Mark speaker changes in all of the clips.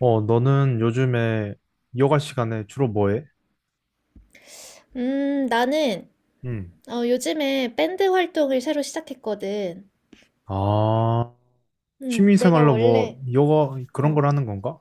Speaker 1: 너는 요즘에 여가 시간에 주로 뭐 해?
Speaker 2: 나는
Speaker 1: 응.
Speaker 2: 요즘에 밴드 활동을 새로 시작했거든.
Speaker 1: 아, 취미
Speaker 2: 내가
Speaker 1: 생활로 뭐
Speaker 2: 원래
Speaker 1: 여가 그런
Speaker 2: 어,
Speaker 1: 걸 하는 건가?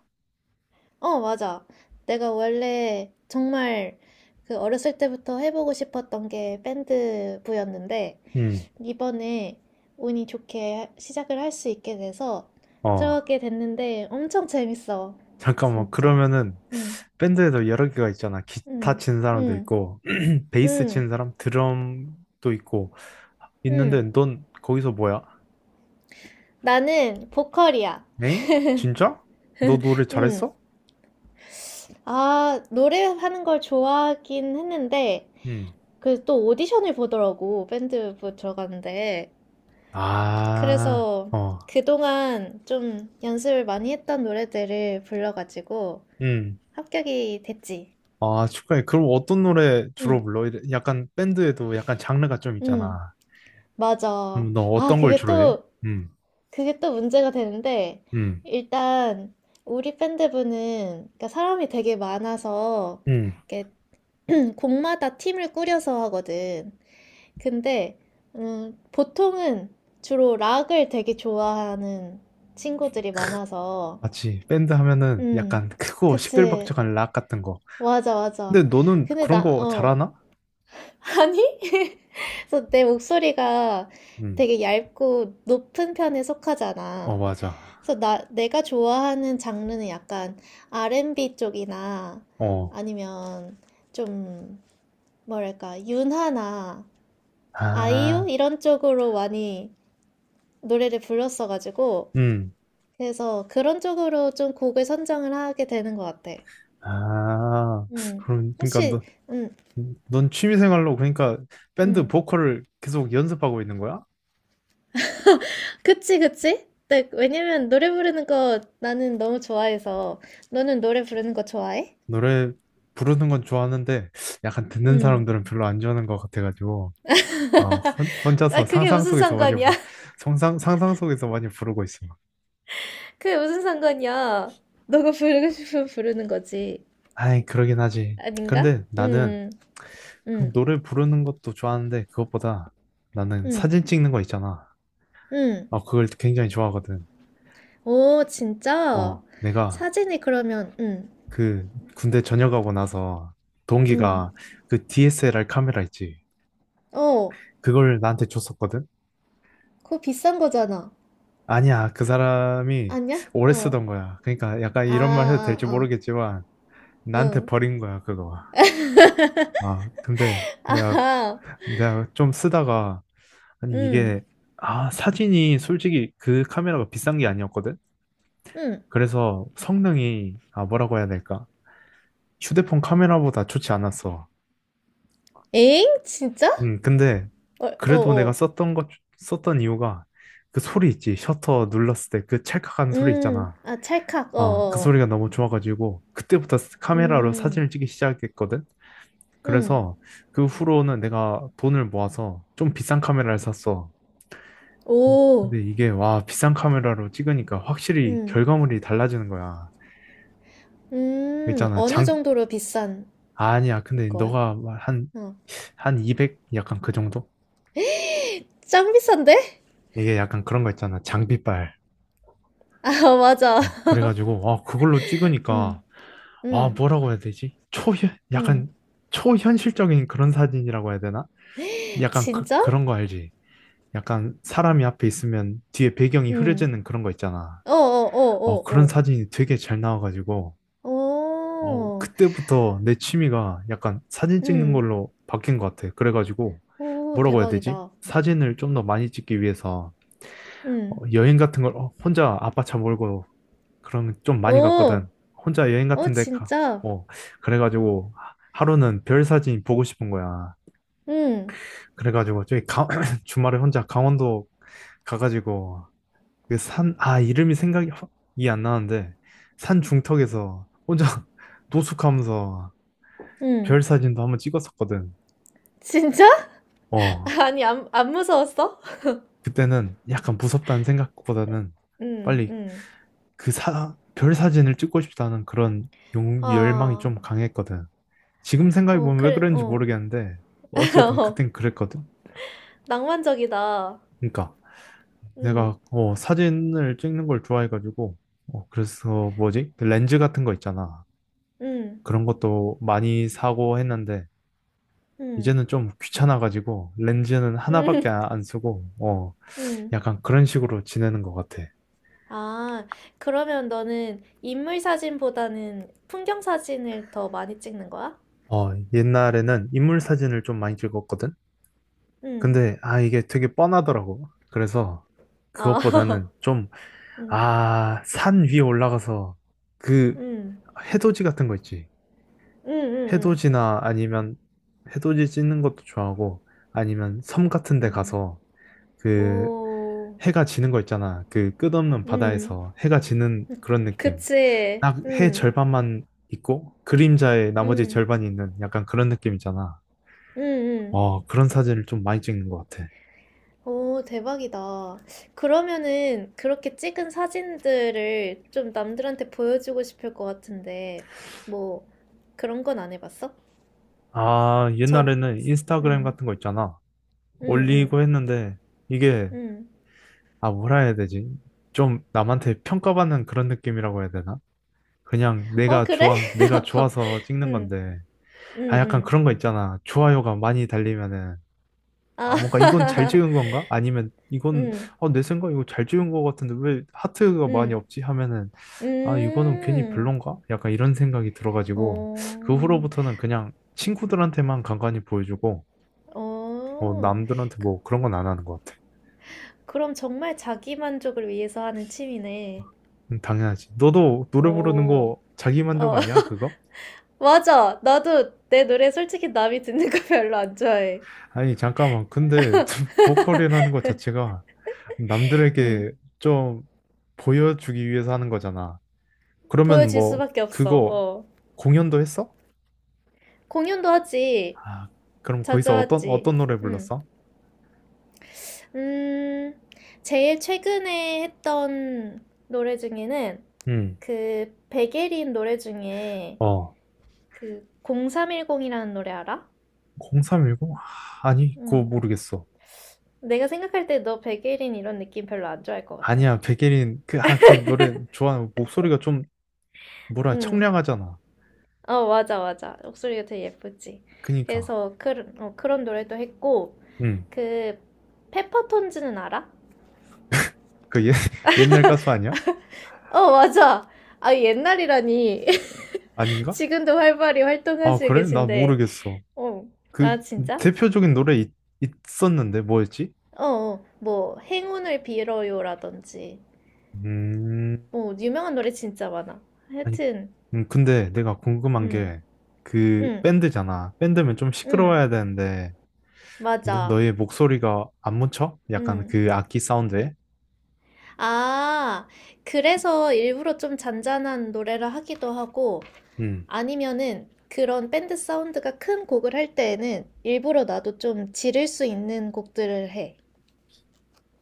Speaker 2: 어, 맞아. 내가 원래 정말 그 어렸을 때부터 해보고 싶었던 게 밴드부였는데
Speaker 1: 응.
Speaker 2: 이번에 운이 좋게 시작을 할 수 있게 돼서
Speaker 1: 어,
Speaker 2: 들어가게 됐는데 엄청 재밌어.
Speaker 1: 잠깐만.
Speaker 2: 진짜.
Speaker 1: 그러면은
Speaker 2: 음,
Speaker 1: 밴드에도 여러 개가 있잖아. 기타
Speaker 2: 음,
Speaker 1: 친 사람도
Speaker 2: 음,
Speaker 1: 있고, 베이스 친
Speaker 2: 음,
Speaker 1: 사람, 드럼도 있고 있는데
Speaker 2: 음.
Speaker 1: 넌 거기서 뭐야?
Speaker 2: 나는 보컬이야.
Speaker 1: 엥? 진짜? 너 노래
Speaker 2: 음.
Speaker 1: 잘했어?
Speaker 2: 아, 노래하는 걸 좋아하긴 했는데,
Speaker 1: 응.
Speaker 2: 그 또 오디션을 보더라고, 밴드 부 들어가는데.
Speaker 1: 아,
Speaker 2: 그래서
Speaker 1: 어.
Speaker 2: 그동안 좀 연습을 많이 했던 노래들을 불러가지고
Speaker 1: 응.
Speaker 2: 합격이 됐지.
Speaker 1: 아, 축하해. 그럼 어떤 노래 주로
Speaker 2: 응,
Speaker 1: 불러? 약간 밴드에도 약간 장르가 좀
Speaker 2: 응,
Speaker 1: 있잖아.
Speaker 2: 맞아.
Speaker 1: 그럼 너
Speaker 2: 아,
Speaker 1: 어떤 걸
Speaker 2: 그게
Speaker 1: 주로 해?
Speaker 2: 또,
Speaker 1: 음,
Speaker 2: 그게 또 문제가 되는데,
Speaker 1: 음,
Speaker 2: 일단 우리 밴드부는, 그러니까 사람이 되게 많아서,
Speaker 1: 음.
Speaker 2: 이렇게 곡마다 팀을 꾸려서 하거든. 근데 보통은 주로 락을 되게 좋아하는 친구들이 많아서
Speaker 1: 맞지. 밴드 하면은
Speaker 2: 음,
Speaker 1: 약간 크고
Speaker 2: 그치.
Speaker 1: 시끌벅적한 락 같은 거.
Speaker 2: 맞아,
Speaker 1: 근데
Speaker 2: 맞아.
Speaker 1: 너는
Speaker 2: 근데
Speaker 1: 그런 거 잘하나?
Speaker 2: 아니? 그래서 내 목소리가
Speaker 1: 음,
Speaker 2: 되게 얇고 높은 편에
Speaker 1: 어,
Speaker 2: 속하잖아.
Speaker 1: 맞아.
Speaker 2: 그래서 내가 좋아하는 장르는 약간 R&B 쪽이나
Speaker 1: 어,
Speaker 2: 아니면 좀 뭐랄까, 윤하나 아이유
Speaker 1: 아,
Speaker 2: 이런 쪽으로 많이 노래를 불렀어가지고
Speaker 1: 음,
Speaker 2: 그래서 그런 쪽으로 좀 곡을 선정을 하게 되는 것 같아.
Speaker 1: 아.
Speaker 2: 음,
Speaker 1: 그럼, 그러니까
Speaker 2: 혹시
Speaker 1: 너,
Speaker 2: 음,
Speaker 1: 넌 취미생활로 그러니까 밴드
Speaker 2: 음,
Speaker 1: 보컬을 계속 연습하고 있는 거야?
Speaker 2: 그치 그치? 네, 왜냐면 노래 부르는 거 나는 너무 좋아해서 너는 노래 부르는 거 좋아해?
Speaker 1: 노래 부르는 건 좋아하는데 약간 듣는
Speaker 2: 음,
Speaker 1: 사람들은 별로 안 좋아하는 것 같아가지고.
Speaker 2: 아
Speaker 1: 혼자서
Speaker 2: 그게
Speaker 1: 상상
Speaker 2: 무슨
Speaker 1: 속에서 많이
Speaker 2: 상관이야?
Speaker 1: 상상 속에서 많이 부르고 있어.
Speaker 2: 그게 무슨 상관이야? 너가 부르고 싶으면 부르는 거지.
Speaker 1: 아이, 그러긴 하지.
Speaker 2: 아닌가?
Speaker 1: 근데 나는 그
Speaker 2: 음,
Speaker 1: 노래 부르는 것도 좋아하는데 그것보다 나는
Speaker 2: 음,
Speaker 1: 사진 찍는 거 있잖아.
Speaker 2: 음. 음.
Speaker 1: 그걸 굉장히 좋아하거든.
Speaker 2: 오, 진짜?
Speaker 1: 내가
Speaker 2: 사진이 그러면.
Speaker 1: 그 군대 전역하고 나서
Speaker 2: 응.
Speaker 1: 동기가 그 DSLR 카메라 있지.
Speaker 2: 어,
Speaker 1: 그걸 나한테 줬었거든.
Speaker 2: 그거 비싼 거잖아.
Speaker 1: 아니야, 그 사람이
Speaker 2: 아니야?
Speaker 1: 오래
Speaker 2: 어.
Speaker 1: 쓰던 거야. 그러니까 약간
Speaker 2: 아,
Speaker 1: 이런 말 해도
Speaker 2: 아,
Speaker 1: 될지
Speaker 2: 아.
Speaker 1: 모르겠지만 나한테
Speaker 2: 응.
Speaker 1: 버린 거야, 그거. 아, 근데 내가
Speaker 2: 아하.
Speaker 1: 내가 좀 쓰다가 아니
Speaker 2: 응.
Speaker 1: 이게 사진이 솔직히 그 카메라가 비싼 게 아니었거든.
Speaker 2: 응.
Speaker 1: 그래서 성능이 뭐라고 해야 될까? 휴대폰 카메라보다 좋지 않았어.
Speaker 2: 에잉? 진짜?
Speaker 1: 근데
Speaker 2: 어, 어,
Speaker 1: 그래도 내가
Speaker 2: 어.
Speaker 1: 썼던 이유가 그 소리 있지 셔터 눌렀을 때 그 찰칵하는 소리
Speaker 2: 음.
Speaker 1: 있잖아.
Speaker 2: 아, 찰칵. 어,
Speaker 1: 그
Speaker 2: 어.
Speaker 1: 소리가 너무 좋아가지고 그때부터 카메라로
Speaker 2: 음.
Speaker 1: 사진을 찍기 시작했거든.
Speaker 2: 음.
Speaker 1: 그래서 그 후로는 내가 돈을 모아서 좀 비싼 카메라를 샀어.
Speaker 2: 오.
Speaker 1: 근데 이게 와 비싼 카메라로 찍으니까 확실히
Speaker 2: 음.
Speaker 1: 결과물이 달라지는 거야.
Speaker 2: 음.
Speaker 1: 있잖아
Speaker 2: 어느
Speaker 1: 장
Speaker 2: 정도로 비싼
Speaker 1: 아니야 근데
Speaker 2: 거야?
Speaker 1: 너가 한한
Speaker 2: 어.
Speaker 1: 200 약간 그 정도?
Speaker 2: 짱 비싼데?
Speaker 1: 이게 약간 그런 거 있잖아 장비빨.
Speaker 2: 아, 맞아.
Speaker 1: 그래가지고 그걸로 찍으니까
Speaker 2: 음. 음.
Speaker 1: 뭐라고 해야 되지? 초현 약간
Speaker 2: 음.
Speaker 1: 초현실적인 그런 사진이라고 해야 되나? 약간
Speaker 2: 진짜?
Speaker 1: 그런 거 알지? 약간 사람이 앞에 있으면 뒤에 배경이
Speaker 2: 음.
Speaker 1: 흐려지는 그런 거 있잖아.
Speaker 2: 어, 어, 어,
Speaker 1: 그런
Speaker 2: 어,
Speaker 1: 사진이 되게 잘 나와가지고.
Speaker 2: 어. 오.
Speaker 1: 그때부터 내 취미가 약간 사진 찍는
Speaker 2: 응.
Speaker 1: 걸로 바뀐 것 같아. 그래가지고
Speaker 2: 오,
Speaker 1: 뭐라고 해야 되지?
Speaker 2: 대박이다.
Speaker 1: 사진을 좀 더 많이 찍기 위해서
Speaker 2: 응.
Speaker 1: 여행 같은 걸 혼자 아빠 차 몰고 그런 거좀 많이
Speaker 2: 오,
Speaker 1: 갔거든. 혼자 여행
Speaker 2: 어,
Speaker 1: 같은 데 가.
Speaker 2: 진짜?
Speaker 1: 어, 그래가지고 하루는 별 사진 보고 싶은 거야.
Speaker 2: 응,
Speaker 1: 그래가지고 저기 주말에 혼자 강원도 가가지고 그 산, 아, 이름이 생각이 이안 나는데 산 중턱에서 혼자 노숙하면서
Speaker 2: 응.
Speaker 1: 별 사진도 한번 찍었었거든.
Speaker 2: 진짜?
Speaker 1: 어,
Speaker 2: 아니, 안 무서웠어?
Speaker 1: 그때는 약간 무섭다는 생각보다는
Speaker 2: 응,
Speaker 1: 빨리
Speaker 2: 응.
Speaker 1: 그 별 사진을 찍고 싶다는 그런 열망이
Speaker 2: 아,
Speaker 1: 좀 강했거든. 지금
Speaker 2: 어,
Speaker 1: 생각해보면 왜
Speaker 2: 그래,
Speaker 1: 그런지
Speaker 2: 어.
Speaker 1: 모르겠는데, 어쨌든
Speaker 2: 어,
Speaker 1: 그땐 그랬거든.
Speaker 2: 낭만적이다.
Speaker 1: 그러니까
Speaker 2: 응,
Speaker 1: 내가 사진을 찍는 걸 좋아해가지고, 그래서 뭐지? 그 렌즈 같은 거 있잖아.
Speaker 2: 응,
Speaker 1: 그런 것도 많이 사고 했는데,
Speaker 2: 응,
Speaker 1: 이제는 좀 귀찮아가지고, 렌즈는 하나밖에
Speaker 2: 응,
Speaker 1: 안 쓰고,
Speaker 2: 응.
Speaker 1: 약간 그런 식으로 지내는 것 같아.
Speaker 2: 아, 그러면 너는 인물 사진보다는 풍경 사진을 더 많이 찍는 거야?
Speaker 1: 옛날에는 인물 사진을 좀 많이 찍었거든?
Speaker 2: 응,
Speaker 1: 근데, 아, 이게 되게 뻔하더라고. 그래서,
Speaker 2: 아,
Speaker 1: 그것보다는 좀,
Speaker 2: 응,
Speaker 1: 아, 산 위에 올라가서, 그,
Speaker 2: 응,
Speaker 1: 해돋이 같은 거 있지.
Speaker 2: 응, 응,
Speaker 1: 해돋이나 아니면, 해돋이 찍는 것도 좋아하고, 아니면 섬 같은 데
Speaker 2: 응.
Speaker 1: 가서,
Speaker 2: 오,
Speaker 1: 그,
Speaker 2: 오,
Speaker 1: 해가 지는 거 있잖아. 그 끝없는
Speaker 2: 응.
Speaker 1: 바다에서 해가 지는 그런 느낌.
Speaker 2: 그치.
Speaker 1: 딱 해
Speaker 2: 응,
Speaker 1: 절반만 있고, 그림자의 나머지
Speaker 2: 응,
Speaker 1: 절반이 있는 약간 그런 느낌 있잖아.
Speaker 2: 응, 응.
Speaker 1: 와, 그런 사진을 좀 많이 찍는 것 같아.
Speaker 2: 오, 대박이다. 그러면은 그렇게 찍은 사진들을 좀 남들한테 보여주고 싶을 것 같은데, 뭐, 그런 건 안 해봤어?
Speaker 1: 아,
Speaker 2: 전,
Speaker 1: 옛날에는 인스타그램
Speaker 2: 응,
Speaker 1: 같은 거 있잖아.
Speaker 2: 응, 응,
Speaker 1: 올리고 했는데, 이게,
Speaker 2: 응.
Speaker 1: 아, 뭐라 해야 되지? 좀 남한테 평가받는 그런 느낌이라고 해야 되나? 그냥
Speaker 2: 어, 그래?
Speaker 1: 내가 좋아서 찍는
Speaker 2: 응,
Speaker 1: 건데,
Speaker 2: 응,
Speaker 1: 아, 약간
Speaker 2: 응.
Speaker 1: 그런 거 있잖아. 좋아요가 많이 달리면은,
Speaker 2: 아,
Speaker 1: 아, 뭔가 이건 잘 찍은 건가? 아니면 이건,
Speaker 2: 응,
Speaker 1: 내 생각 이거 잘 찍은 것 같은데 왜 하트가 많이
Speaker 2: 응,
Speaker 1: 없지? 하면은, 아, 이거는 괜히
Speaker 2: 음.
Speaker 1: 별론가? 약간 이런 생각이 들어가지고,
Speaker 2: 어,
Speaker 1: 그 후로부터는 그냥 친구들한테만 간간히 보여주고,
Speaker 2: 어.
Speaker 1: 남들한테
Speaker 2: 그-
Speaker 1: 뭐 그런 건 안 하는 것 같아.
Speaker 2: 그럼 정말 자기 만족을 위해서 하는 취미네.
Speaker 1: 당연하지. 너도 노래 부르는
Speaker 2: 어,
Speaker 1: 거 자기 만족
Speaker 2: 어,
Speaker 1: 아니야, 그거?
Speaker 2: 맞아. 나도 내 노래 솔직히 남이 듣는 거 별로 안 좋아해.
Speaker 1: 아니, 잠깐만. 근데 보컬이라는 것 자체가
Speaker 2: 음,
Speaker 1: 남들에게 좀 보여주기 위해서 하는 거잖아. 그러면
Speaker 2: 보여질
Speaker 1: 뭐,
Speaker 2: 수밖에 없어.
Speaker 1: 그거
Speaker 2: 어,
Speaker 1: 공연도 했어?
Speaker 2: 공연도 하지.
Speaker 1: 아, 그럼
Speaker 2: 자주
Speaker 1: 거기서
Speaker 2: 하지.
Speaker 1: 어떤 노래
Speaker 2: 음,
Speaker 1: 불렀어?
Speaker 2: 음, 제일 최근에 했던 노래 중에는
Speaker 1: 응.
Speaker 2: 그 백예린 노래 중에
Speaker 1: 어,
Speaker 2: 그 0310이라는 노래 알아?
Speaker 1: 0310? 아니, 그거
Speaker 2: 음,
Speaker 1: 모르겠어.
Speaker 2: 내가 생각할 때 너 백예린 이런 느낌 별로 안 좋아할 것 같아.
Speaker 1: 아니야, 백예린, 그, 아, 그 노래 좋아. 목소리가 좀, 뭐라,
Speaker 2: 음.
Speaker 1: 청량하잖아.
Speaker 2: 어, 맞아, 맞아. 목소리가 되게 예쁘지.
Speaker 1: 그니까.
Speaker 2: 그래서 그런 노래도 했고,
Speaker 1: 응.
Speaker 2: 그, 페퍼톤즈는 알아?
Speaker 1: 그 옛날 가수 아니야?
Speaker 2: 어, 맞아. 아, 옛날이라니.
Speaker 1: 아닌가?
Speaker 2: 지금도 활발히
Speaker 1: 아,
Speaker 2: 활동하시고
Speaker 1: 그래? 나
Speaker 2: 계신데.
Speaker 1: 모르겠어.
Speaker 2: 어,
Speaker 1: 그,
Speaker 2: 아, 진짜?
Speaker 1: 대표적인 노래 있었는데, 뭐였지?
Speaker 2: 어, 어, 뭐, 행운을 빌어요라든지.
Speaker 1: 음,
Speaker 2: 뭐, 유명한 노래 진짜 많아.
Speaker 1: 아니,
Speaker 2: 하여튼,
Speaker 1: 근데 내가 궁금한
Speaker 2: 응,
Speaker 1: 게, 그,
Speaker 2: 응,
Speaker 1: 밴드잖아. 밴드면 좀
Speaker 2: 응,
Speaker 1: 시끄러워야 되는데,
Speaker 2: 맞아.
Speaker 1: 너의 목소리가 안 묻혀? 약간
Speaker 2: 응.
Speaker 1: 그 악기 사운드에?
Speaker 2: 아, 그래서 일부러 좀 잔잔한 노래를 하기도 하고,
Speaker 1: 음,
Speaker 2: 아니면은 그런 밴드 사운드가 큰 곡을 할 때에는 일부러 나도 좀 지를 수 있는 곡들을 해.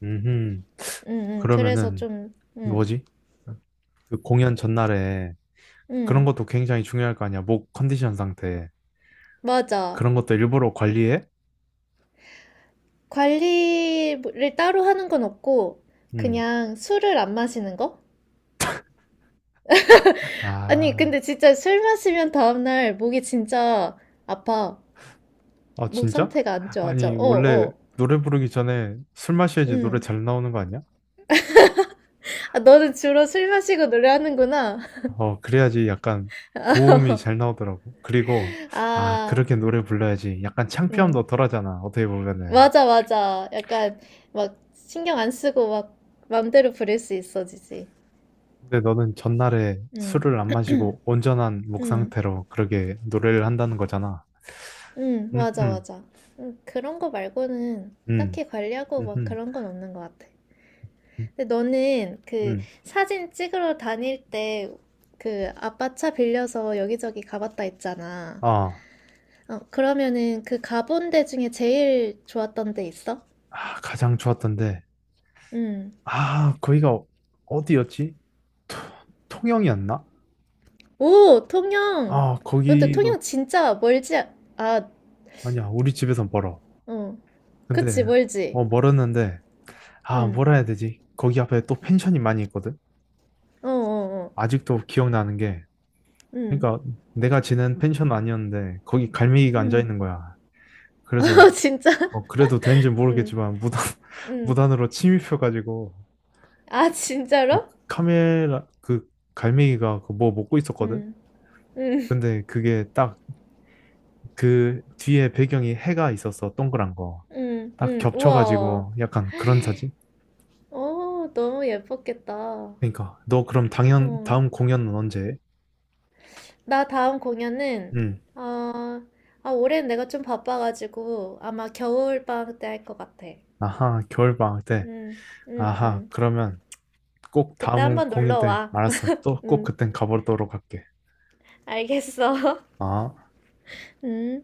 Speaker 1: 음,
Speaker 2: 응, 응. 그래서
Speaker 1: 그러면은,
Speaker 2: 좀, 응,
Speaker 1: 뭐지? 그 공연 전날에, 그런
Speaker 2: 응.
Speaker 1: 것도 굉장히 중요할 거 아니야. 목 컨디션 상태.
Speaker 2: 맞아.
Speaker 1: 그런 것도 일부러 관리해?
Speaker 2: 관리를 따로 하는 건 없고,
Speaker 1: 음.
Speaker 2: 그냥 술을 안 마시는 거? 아니,
Speaker 1: 아,
Speaker 2: 근데 진짜 술 마시면 다음날 목이 진짜 아파.
Speaker 1: 아,
Speaker 2: 목
Speaker 1: 진짜?
Speaker 2: 상태가 안 좋아져.
Speaker 1: 아니,
Speaker 2: 어,
Speaker 1: 원래
Speaker 2: 어.
Speaker 1: 노래 부르기 전에 술 마셔야지 노래
Speaker 2: 응.
Speaker 1: 잘 나오는 거 아니야?
Speaker 2: 아, 너는 주로 술 마시고 노래하는구나.
Speaker 1: 그래야지 약간 고음이 잘 나오더라고. 그리고, 아,
Speaker 2: 아,
Speaker 1: 그렇게 노래 불러야지 약간
Speaker 2: 응.
Speaker 1: 창피함도 덜하잖아. 어떻게 보면은.
Speaker 2: 맞아, 맞아. 약간 막 신경 안 쓰고 막 맘대로 부릴 수 있어지지.
Speaker 1: 근데 너는 전날에
Speaker 2: 응,
Speaker 1: 술을 안 마시고 온전한 목
Speaker 2: 응,
Speaker 1: 상태로 그렇게 노래를 한다는 거잖아.
Speaker 2: 응,
Speaker 1: 음,
Speaker 2: 맞아,
Speaker 1: 음,
Speaker 2: 맞아. 응, 그런 거 말고는
Speaker 1: 음,
Speaker 2: 딱히 관리하고 막
Speaker 1: 음,
Speaker 2: 그런 건 없는 것 같아.
Speaker 1: 음,
Speaker 2: 근데 너는 그
Speaker 1: 음.
Speaker 2: 사진 찍으러 다닐 때 그 아빠 차 빌려서 여기저기 가봤다 했잖아.
Speaker 1: 아,
Speaker 2: 어, 그러면은 그 가본 데 중에 제일 좋았던 데 있어?
Speaker 1: 아, 가장 좋았던데.
Speaker 2: 응.
Speaker 1: 아, 거기가 어- 디였지 토- 통영이었나?
Speaker 2: 오, 통영!
Speaker 1: 아,
Speaker 2: 근데
Speaker 1: 거기도
Speaker 2: 통영 진짜 멀지, 아, 아,
Speaker 1: 아니야. 우리 집에선 멀어.
Speaker 2: 어. 그치,
Speaker 1: 근데
Speaker 2: 멀지.
Speaker 1: 멀었는데 아,
Speaker 2: 응,
Speaker 1: 뭐라 해야 되지? 거기 앞에 또 펜션이 많이 있거든.
Speaker 2: 어, 어, 어,
Speaker 1: 아직도 기억나는 게
Speaker 2: 응,
Speaker 1: 그러니까 내가 지낸 펜션 아니었는데 거기 갈매기가 앉아
Speaker 2: 응.
Speaker 1: 있는 거야.
Speaker 2: 어,
Speaker 1: 그래서
Speaker 2: 진짜?
Speaker 1: 그래도 되는지
Speaker 2: 응,
Speaker 1: 모르겠지만 무단
Speaker 2: 응.
Speaker 1: 무단으로 침입해 가지고
Speaker 2: 아, 진짜로?
Speaker 1: 카메라 그 갈매기가 그뭐 먹고 있었거든.
Speaker 2: 응, 응,
Speaker 1: 근데 그게 딱 그 뒤에 배경이 해가 있었어. 동그란 거.
Speaker 2: 응,
Speaker 1: 딱
Speaker 2: 응. 우와.
Speaker 1: 겹쳐가지고 약간 그런 사진?
Speaker 2: 어, 너무 예뻤겠다.
Speaker 1: 그러니까 너 그럼 당연
Speaker 2: 어.
Speaker 1: 다음 공연은 언제?
Speaker 2: 나 다음 공연은,
Speaker 1: 응.
Speaker 2: 어, 아, 올해는 내가 좀 바빠가지고 아마 겨울방학 때 할 것 같아.
Speaker 1: 아하, 겨울방학 때.
Speaker 2: 응, 응,
Speaker 1: 아하,
Speaker 2: 응.
Speaker 1: 그러면 꼭
Speaker 2: 그때
Speaker 1: 다음
Speaker 2: 한번
Speaker 1: 공연
Speaker 2: 놀러
Speaker 1: 때
Speaker 2: 와.
Speaker 1: 알았어. 또 꼭
Speaker 2: 응,
Speaker 1: 그땐 가보도록 할게.
Speaker 2: 알겠어.
Speaker 1: 아.
Speaker 2: 응.